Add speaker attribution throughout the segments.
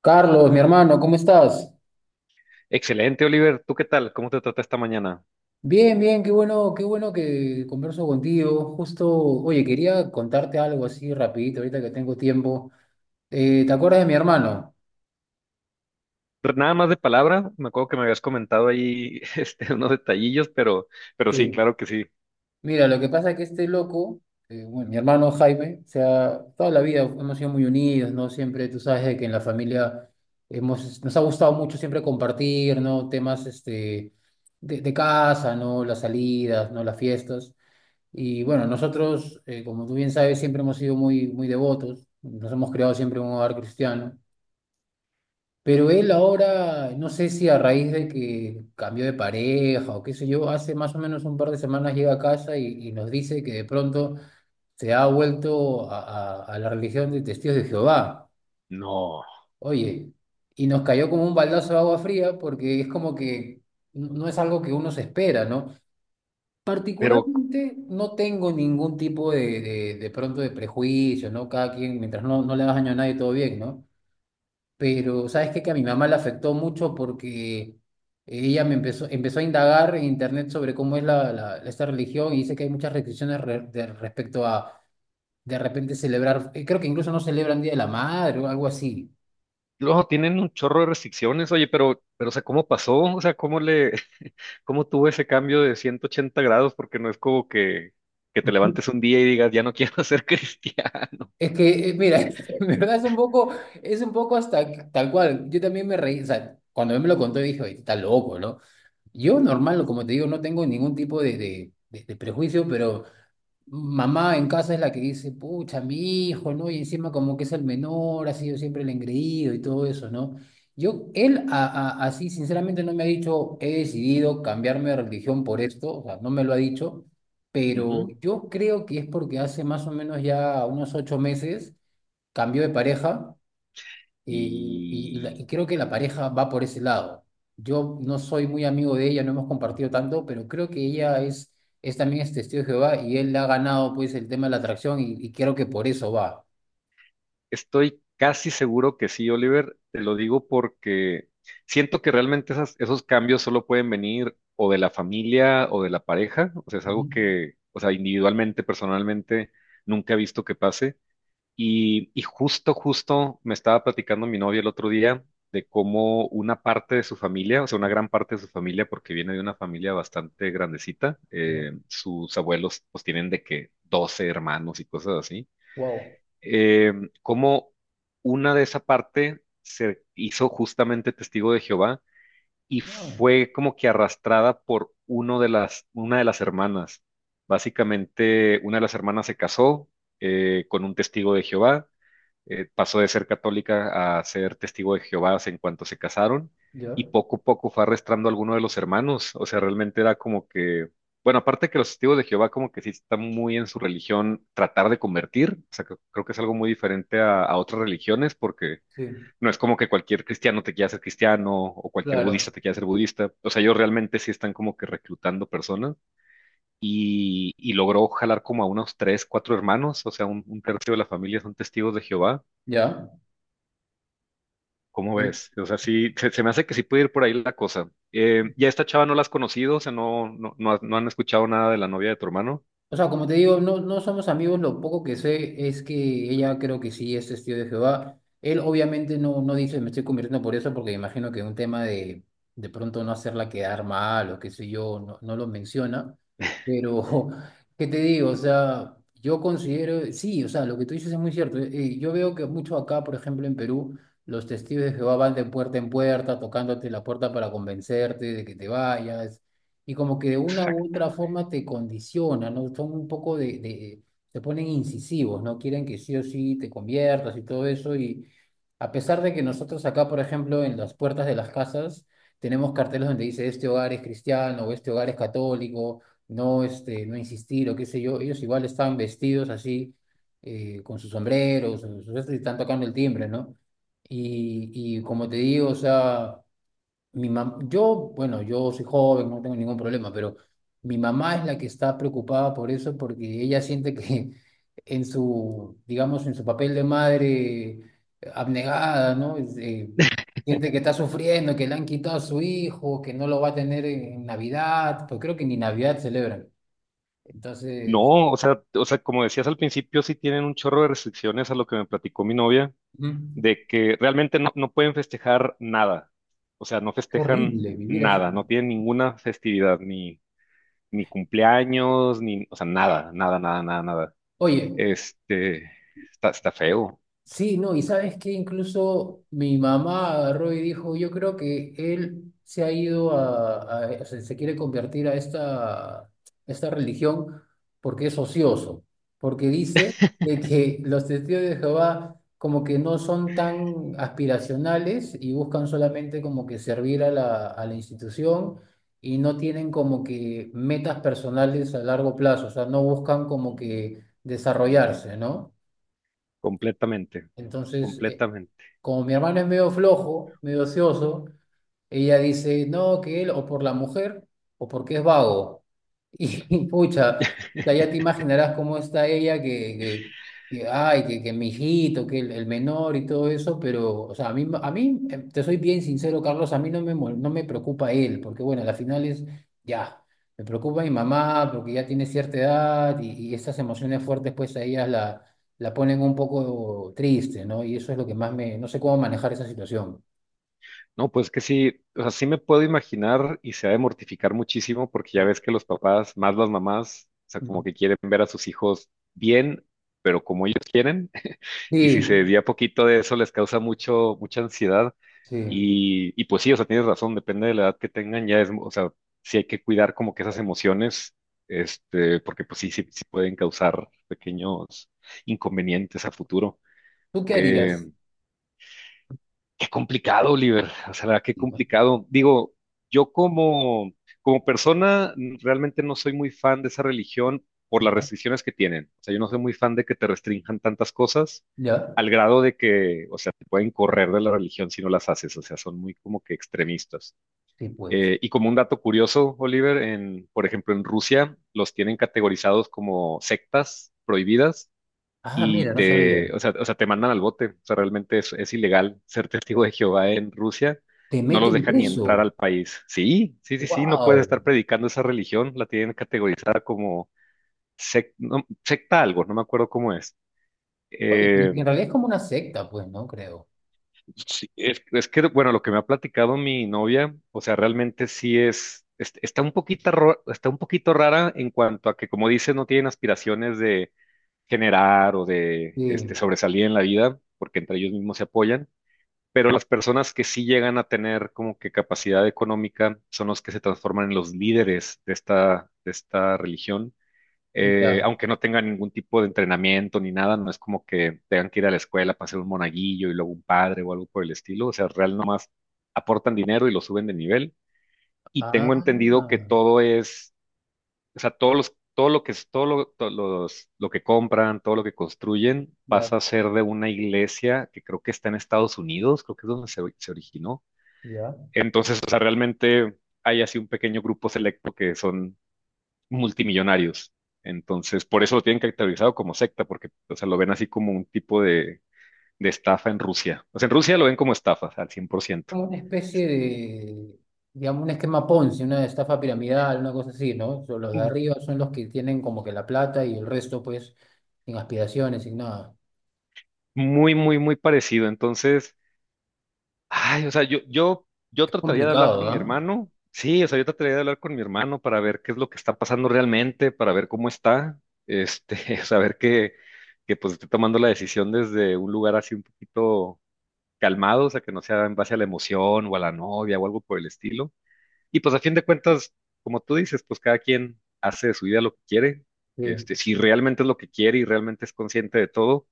Speaker 1: Carlos, mi hermano, ¿cómo estás?
Speaker 2: Excelente, Oliver. ¿Tú qué tal? ¿Cómo te trata esta mañana?
Speaker 1: Bien, bien, qué bueno que converso contigo. Justo, oye, quería contarte algo así rapidito, ahorita que tengo tiempo. ¿Te acuerdas de mi hermano?
Speaker 2: Nada más de palabra, me acuerdo que me habías comentado ahí este, unos detallillos, pero sí,
Speaker 1: Sí.
Speaker 2: claro que sí.
Speaker 1: Mira, lo que pasa es que este loco, bueno, mi hermano Jaime, o sea, toda la vida hemos sido muy unidos, ¿no? Siempre, tú sabes de que en la familia hemos, nos ha gustado mucho siempre compartir, ¿no? Temas, de casa, ¿no? Las salidas, ¿no? Las fiestas. Y bueno, nosotros, como tú bien sabes, siempre hemos sido muy devotos, nos hemos creado siempre en un hogar cristiano, pero él ahora, no sé si a raíz de que cambió de pareja o qué sé yo, hace más o menos un par de semanas llega a casa y nos dice que de pronto se ha vuelto a la religión de Testigos de Jehová.
Speaker 2: No,
Speaker 1: Oye, y nos cayó como un baldazo de agua fría porque es como que no es algo que uno se espera, ¿no?
Speaker 2: pero
Speaker 1: Particularmente no tengo ningún tipo de pronto de prejuicio, ¿no? Cada quien, mientras no le hagas daño a nadie, todo bien, ¿no? Pero, ¿sabes qué? Que a mi mamá le afectó mucho porque ella me empezó a indagar en internet sobre cómo es esta religión y dice que hay muchas respecto a, de repente, celebrar, creo que incluso no celebran Día de la Madre o algo así.
Speaker 2: luego tienen un chorro de restricciones, oye, pero, o sea, ¿cómo pasó? O sea, cómo tuvo ese cambio de 180 grados? Porque no es como que te levantes un día y digas, ya no quiero ser cristiano.
Speaker 1: Es que, mira, en verdad es un poco hasta tal cual. Yo también me reí, o sea, cuando él me lo contó dije, oye, está loco, no. Yo normal, como te digo, no tengo ningún tipo de prejuicio, pero mamá en casa es la que dice, pucha, mi hijo, ¿no? Y encima como que es el menor, ha sido siempre el engreído y todo eso, ¿no? Yo, él a- Así sinceramente no me ha dicho, he decidido cambiarme de religión por esto, o sea, no me lo ha dicho, pero
Speaker 2: Ujú.
Speaker 1: yo creo que es porque hace más o menos ya unos 8 meses cambió de pareja, eh,
Speaker 2: Y
Speaker 1: y creo que la pareja va por ese lado. Yo no soy muy amigo de ella, no hemos compartido tanto, pero creo que es también es testigo de Jehová y él ha ganado pues el tema de la atracción y creo que por eso va.
Speaker 2: Estoy casi seguro que sí, Oliver. Te lo digo porque siento que realmente esos cambios solo pueden venir o de la familia o de la pareja. O sea, es
Speaker 1: Ujú.
Speaker 2: algo que, o sea, individualmente, personalmente, nunca he visto que pase. Y justo me estaba platicando mi novia el otro día de cómo una parte de su familia, o sea, una gran parte de su familia, porque viene de una familia bastante grandecita,
Speaker 1: Ya.
Speaker 2: sus abuelos pues tienen de que 12 hermanos y cosas así
Speaker 1: Wow.
Speaker 2: eh, cómo una de esa parte se hizo justamente testigo de Jehová y
Speaker 1: Ah,
Speaker 2: fue como que arrastrada por una de las hermanas. Básicamente, una de las hermanas se casó con un testigo de Jehová pasó de ser católica a ser testigo de Jehová en cuanto se casaron
Speaker 1: ya.
Speaker 2: y poco a poco fue arrastrando a alguno de los hermanos. O sea, realmente era como que, bueno, aparte que los testigos de Jehová como que sí están muy en su religión tratar de convertir, o sea, creo que es algo muy diferente a otras religiones porque
Speaker 1: Sí.
Speaker 2: no es como que cualquier cristiano te quiera ser cristiano o cualquier budista
Speaker 1: Claro.
Speaker 2: te quiera ser budista. O sea, ellos realmente sí están como que reclutando personas y logró jalar como a unos tres, cuatro hermanos, o sea, un tercio de la familia son testigos de Jehová.
Speaker 1: Ya.
Speaker 2: ¿Cómo ves? O sea, sí, se me hace que sí puede ir por ahí la cosa. ¿Ya esta chava no la has conocido? O sea, no, no, no, no han escuchado nada de la novia de tu hermano.
Speaker 1: O sea, como te digo, no, no somos amigos, lo poco que sé es que ella creo que sí es testigo de Jehová. Él obviamente no, no dice me estoy convirtiendo por eso, porque me imagino que un tema de pronto no hacerla quedar mal o qué sé yo, no, no lo menciona. Pero, ¿qué te digo? O sea, yo considero, sí, o sea, lo que tú dices es muy cierto. Yo veo que mucho acá, por ejemplo, en Perú, los testigos de Jehová van de puerta en puerta, tocándote la puerta para convencerte de que te vayas y como que de una u
Speaker 2: Exacto.
Speaker 1: otra forma te condiciona, ¿no? Son un poco te ponen incisivos, ¿no? Quieren que sí o sí te conviertas y todo eso, y a pesar de que nosotros acá, por ejemplo, en las puertas de las casas, tenemos carteles donde dice este hogar es cristiano, o este hogar es católico, no, este, no insistir, o qué sé yo, ellos igual están vestidos así, con sus sombreros, y están tocando el timbre, ¿no? Y como te digo, o sea... Yo, bueno, yo soy joven, no tengo ningún problema, pero mi mamá es la que está preocupada por eso porque ella siente que en su, digamos, en su papel de madre abnegada, ¿no? Es, siente que está sufriendo, que le han quitado a su hijo, que no lo va a tener en Navidad, pues creo que ni Navidad celebran. Entonces,
Speaker 2: No, o sea, como decías al principio, sí tienen un chorro de restricciones a lo que me platicó mi novia,
Speaker 1: Ujú.
Speaker 2: de que realmente no, no pueden festejar nada. O sea, no
Speaker 1: Es
Speaker 2: festejan
Speaker 1: horrible vivir así.
Speaker 2: nada, no tienen ninguna festividad, ni, ni cumpleaños, ni, o sea, nada, nada, nada, nada, nada.
Speaker 1: Oye,
Speaker 2: Este, está feo,
Speaker 1: sí, no, y sabes que incluso mi mamá agarró y dijo, yo creo que él se ha ido o sea, se quiere convertir a esta religión porque es ocioso, porque dice de que los testigos de Jehová como que no son tan aspiracionales y buscan solamente como que servir a a la institución y no tienen como que metas personales a largo plazo, o sea, no buscan como que desarrollarse, ¿no?
Speaker 2: completamente,
Speaker 1: Entonces...
Speaker 2: completamente.
Speaker 1: como mi hermano es medio flojo, medio ocioso, ella dice, no, que él o por la mujer o porque es vago. Y pucha, o sea, ya te imaginarás cómo está ella, ay, que mi hijito, que el menor y todo eso, pero, o sea, a mí, te soy bien sincero, Carlos, a mí no me, no me preocupa él, porque bueno, a la final es, ya, me preocupa mi mamá, porque ya tiene cierta edad y estas emociones fuertes, pues a ellas la ponen un poco triste, ¿no? Y eso es lo que más me, no sé cómo manejar esa situación.
Speaker 2: No, pues que sí, o sea, sí me puedo imaginar y se ha de mortificar muchísimo porque ya
Speaker 1: Sí.
Speaker 2: ves que los papás, más las mamás, o sea, como
Speaker 1: Ujú.
Speaker 2: que quieren ver a sus hijos bien, pero como ellos quieren, y si se
Speaker 1: Sí.
Speaker 2: desvía poquito de eso les causa mucho, mucha ansiedad.
Speaker 1: Sí.
Speaker 2: Y pues sí, o sea, tienes razón, depende de la edad que tengan, ya es, o sea, sí hay que cuidar como que esas emociones, este, porque pues sí pueden causar pequeños inconvenientes a futuro.
Speaker 1: ¿Tú qué
Speaker 2: eh,
Speaker 1: harías?
Speaker 2: Qué complicado, Oliver. O sea, la verdad, qué
Speaker 1: Digo,
Speaker 2: complicado. Digo, yo como persona realmente no soy muy fan de esa religión por las
Speaker 1: ya,
Speaker 2: restricciones que tienen. O sea, yo no soy muy fan de que te restrinjan tantas cosas
Speaker 1: ya.
Speaker 2: al grado de que, o sea, te pueden correr de la religión si no las haces. O sea, son muy como que extremistas.
Speaker 1: Sí, pues.
Speaker 2: Y como un dato curioso, Oliver, en, por ejemplo, en Rusia los tienen categorizados como sectas prohibidas
Speaker 1: Ah,
Speaker 2: y
Speaker 1: mira, no sabía.
Speaker 2: te, o sea, te mandan al bote. O sea, realmente es ilegal ser testigo de Jehová en Rusia.
Speaker 1: Te
Speaker 2: No los
Speaker 1: meten
Speaker 2: dejan ni
Speaker 1: preso.
Speaker 2: entrar al país. Sí, sí, sí, sí, no puedes
Speaker 1: ¡Wow!
Speaker 2: estar predicando esa religión. La tienen categorizada como no, secta algo, no me acuerdo cómo es.
Speaker 1: Oye, en
Speaker 2: Eh,
Speaker 1: realidad es como una secta, pues, ¿no? Creo.
Speaker 2: es que, bueno, lo que me ha platicado mi novia, o sea, realmente sí está un poquito rara en cuanto a que, como dices, no tienen aspiraciones de generar o de este,
Speaker 1: Sí,
Speaker 2: sobresalir en la vida, porque entre ellos mismos se apoyan pero las personas que sí llegan a tener como que capacidad económica son los que se transforman en los líderes de esta religión.
Speaker 1: ya.
Speaker 2: Aunque no tengan ningún tipo de entrenamiento ni nada, no es como que tengan que ir a la escuela para ser un monaguillo y luego un padre o algo por el estilo, o sea, real nomás aportan dinero y lo suben de nivel. Y tengo entendido
Speaker 1: Ah,
Speaker 2: que todo es, o sea, todo lo que es, todo lo, to- los- lo que compran, todo lo que construyen,
Speaker 1: ya,
Speaker 2: pasa a ser de una iglesia que creo que está en Estados Unidos, creo que es donde se originó
Speaker 1: ya.
Speaker 2: entonces, o sea, realmente hay así un pequeño grupo selecto que son multimillonarios. Entonces, por eso lo tienen caracterizado como secta, porque, o sea, lo ven así como un tipo de estafa en Rusia. O sea, en Rusia lo ven como estafas al 100%.
Speaker 1: Como una especie de, digamos, un esquema Ponzi, una estafa piramidal, una cosa así, ¿no? So, los de
Speaker 2: Mm,
Speaker 1: arriba son los que tienen como que la plata y el resto, pues, sin aspiraciones, sin nada.
Speaker 2: Muy, muy, muy parecido. Entonces, ay, o sea, yo
Speaker 1: Qué
Speaker 2: trataría de hablar
Speaker 1: complicado,
Speaker 2: con mi
Speaker 1: ¿ah?
Speaker 2: hermano. Sí, o sea, yo trataría de hablar con mi hermano para ver qué es lo que está pasando realmente, para ver cómo está, este, saber que pues esté tomando la decisión desde un lugar así un poquito calmados, a que no sea en base a la emoción o a la novia o algo por el estilo. Y pues a fin de cuentas, como tú dices, pues cada quien hace de su vida lo que quiere.
Speaker 1: Sí.
Speaker 2: Este, si realmente es lo que quiere y realmente es consciente de todo,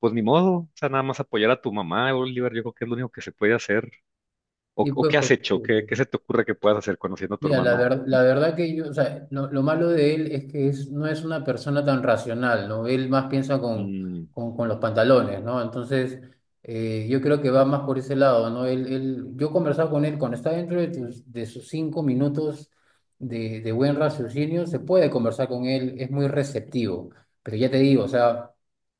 Speaker 2: pues ni modo, o sea, nada más apoyar a tu mamá, Oliver, yo creo que es lo único que se puede hacer. ¿O,
Speaker 1: Y
Speaker 2: o
Speaker 1: pues,
Speaker 2: qué has
Speaker 1: pero-
Speaker 2: hecho? ¿Qué se te ocurre que puedas hacer conociendo a tu
Speaker 1: mira,
Speaker 2: hermano?
Speaker 1: la verdad que yo, o sea, lo malo de él es que es, no es una persona tan racional, ¿no? Él más piensa
Speaker 2: Mm,
Speaker 1: con los pantalones, ¿no? Entonces, yo creo que va más por ese lado, ¿no? Él, yo conversaba con él, cuando está dentro de, de sus 5 minutos de buen raciocinio, se puede conversar con él, es muy receptivo, pero ya te digo, o sea,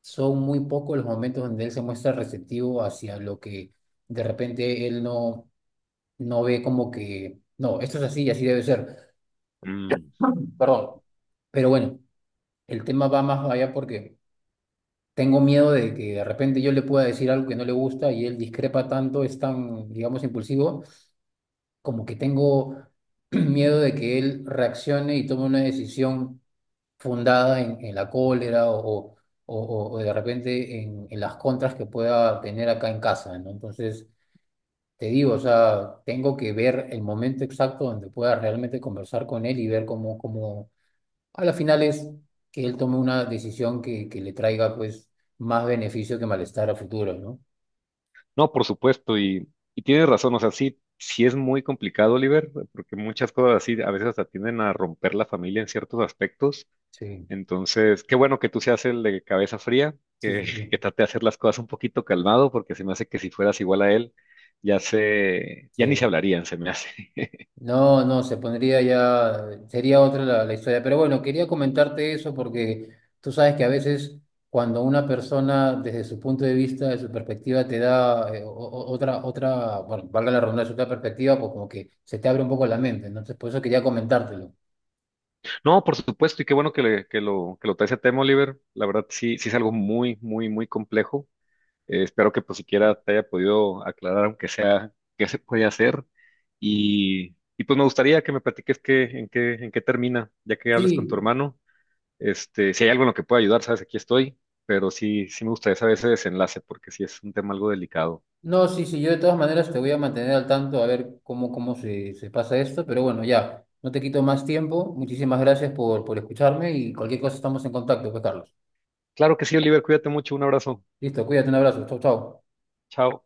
Speaker 1: son muy pocos los momentos donde él se muestra receptivo hacia lo que de repente él no ve como que, no, esto es así y así debe ser.
Speaker 2: mm.
Speaker 1: Perdón. Pero bueno, el tema va más allá porque tengo miedo de que de repente yo le pueda decir algo que no le gusta y él discrepa tanto, es tan, digamos, impulsivo, como que tengo miedo de que él reaccione y tome una decisión fundada en la cólera o, o de repente en las contras que pueda tener acá en casa, ¿no? Entonces... Te digo, o sea, tengo que ver el momento exacto donde pueda realmente conversar con él y ver cómo, cómo a la final es que él tome una decisión que le traiga pues más beneficio que malestar a futuro, ¿no?
Speaker 2: No, por supuesto, y tienes razón, o sea, sí es muy complicado, Oliver, porque muchas cosas así a veces hasta tienden a romper la familia en ciertos aspectos.
Speaker 1: Sí.
Speaker 2: Entonces, qué bueno que tú seas el de cabeza fría,
Speaker 1: Sí,
Speaker 2: que,
Speaker 1: sí, sí.
Speaker 2: que trate de hacer las cosas un poquito calmado, porque se me hace que si fueras igual a él, ya ni se
Speaker 1: Sí.
Speaker 2: hablarían, se me hace.
Speaker 1: No, no, se pondría ya, sería otra la historia. Pero bueno, quería comentarte eso porque tú sabes que a veces cuando una persona desde su punto de vista, de su perspectiva, te da otra, bueno, valga la redundancia, otra perspectiva, pues como que se te abre un poco la mente, ¿no? Entonces, por eso quería comentártelo.
Speaker 2: No, por supuesto, y qué bueno que, que lo traes a tema, Oliver. La verdad, sí, sí es algo muy, muy, muy complejo. Espero que pues siquiera te haya podido aclarar, aunque sea, qué se puede hacer. Y pues me gustaría que me platiques en qué termina, ya que hables con tu
Speaker 1: Sí,
Speaker 2: hermano. Este, si hay algo en lo que pueda ayudar, sabes, aquí estoy, pero sí me gustaría saber ese desenlace porque sí es un tema algo delicado.
Speaker 1: no, sí, sí, yo de todas maneras te voy a mantener al tanto a ver cómo, cómo se, se pasa esto. Pero bueno, ya, no te quito más tiempo. Muchísimas gracias por escucharme y cualquier cosa estamos en contacto, pues Carlos.
Speaker 2: Claro que sí, Oliver, cuídate mucho, un abrazo.
Speaker 1: Listo, cuídate, un abrazo. Chau, chau.
Speaker 2: Chao.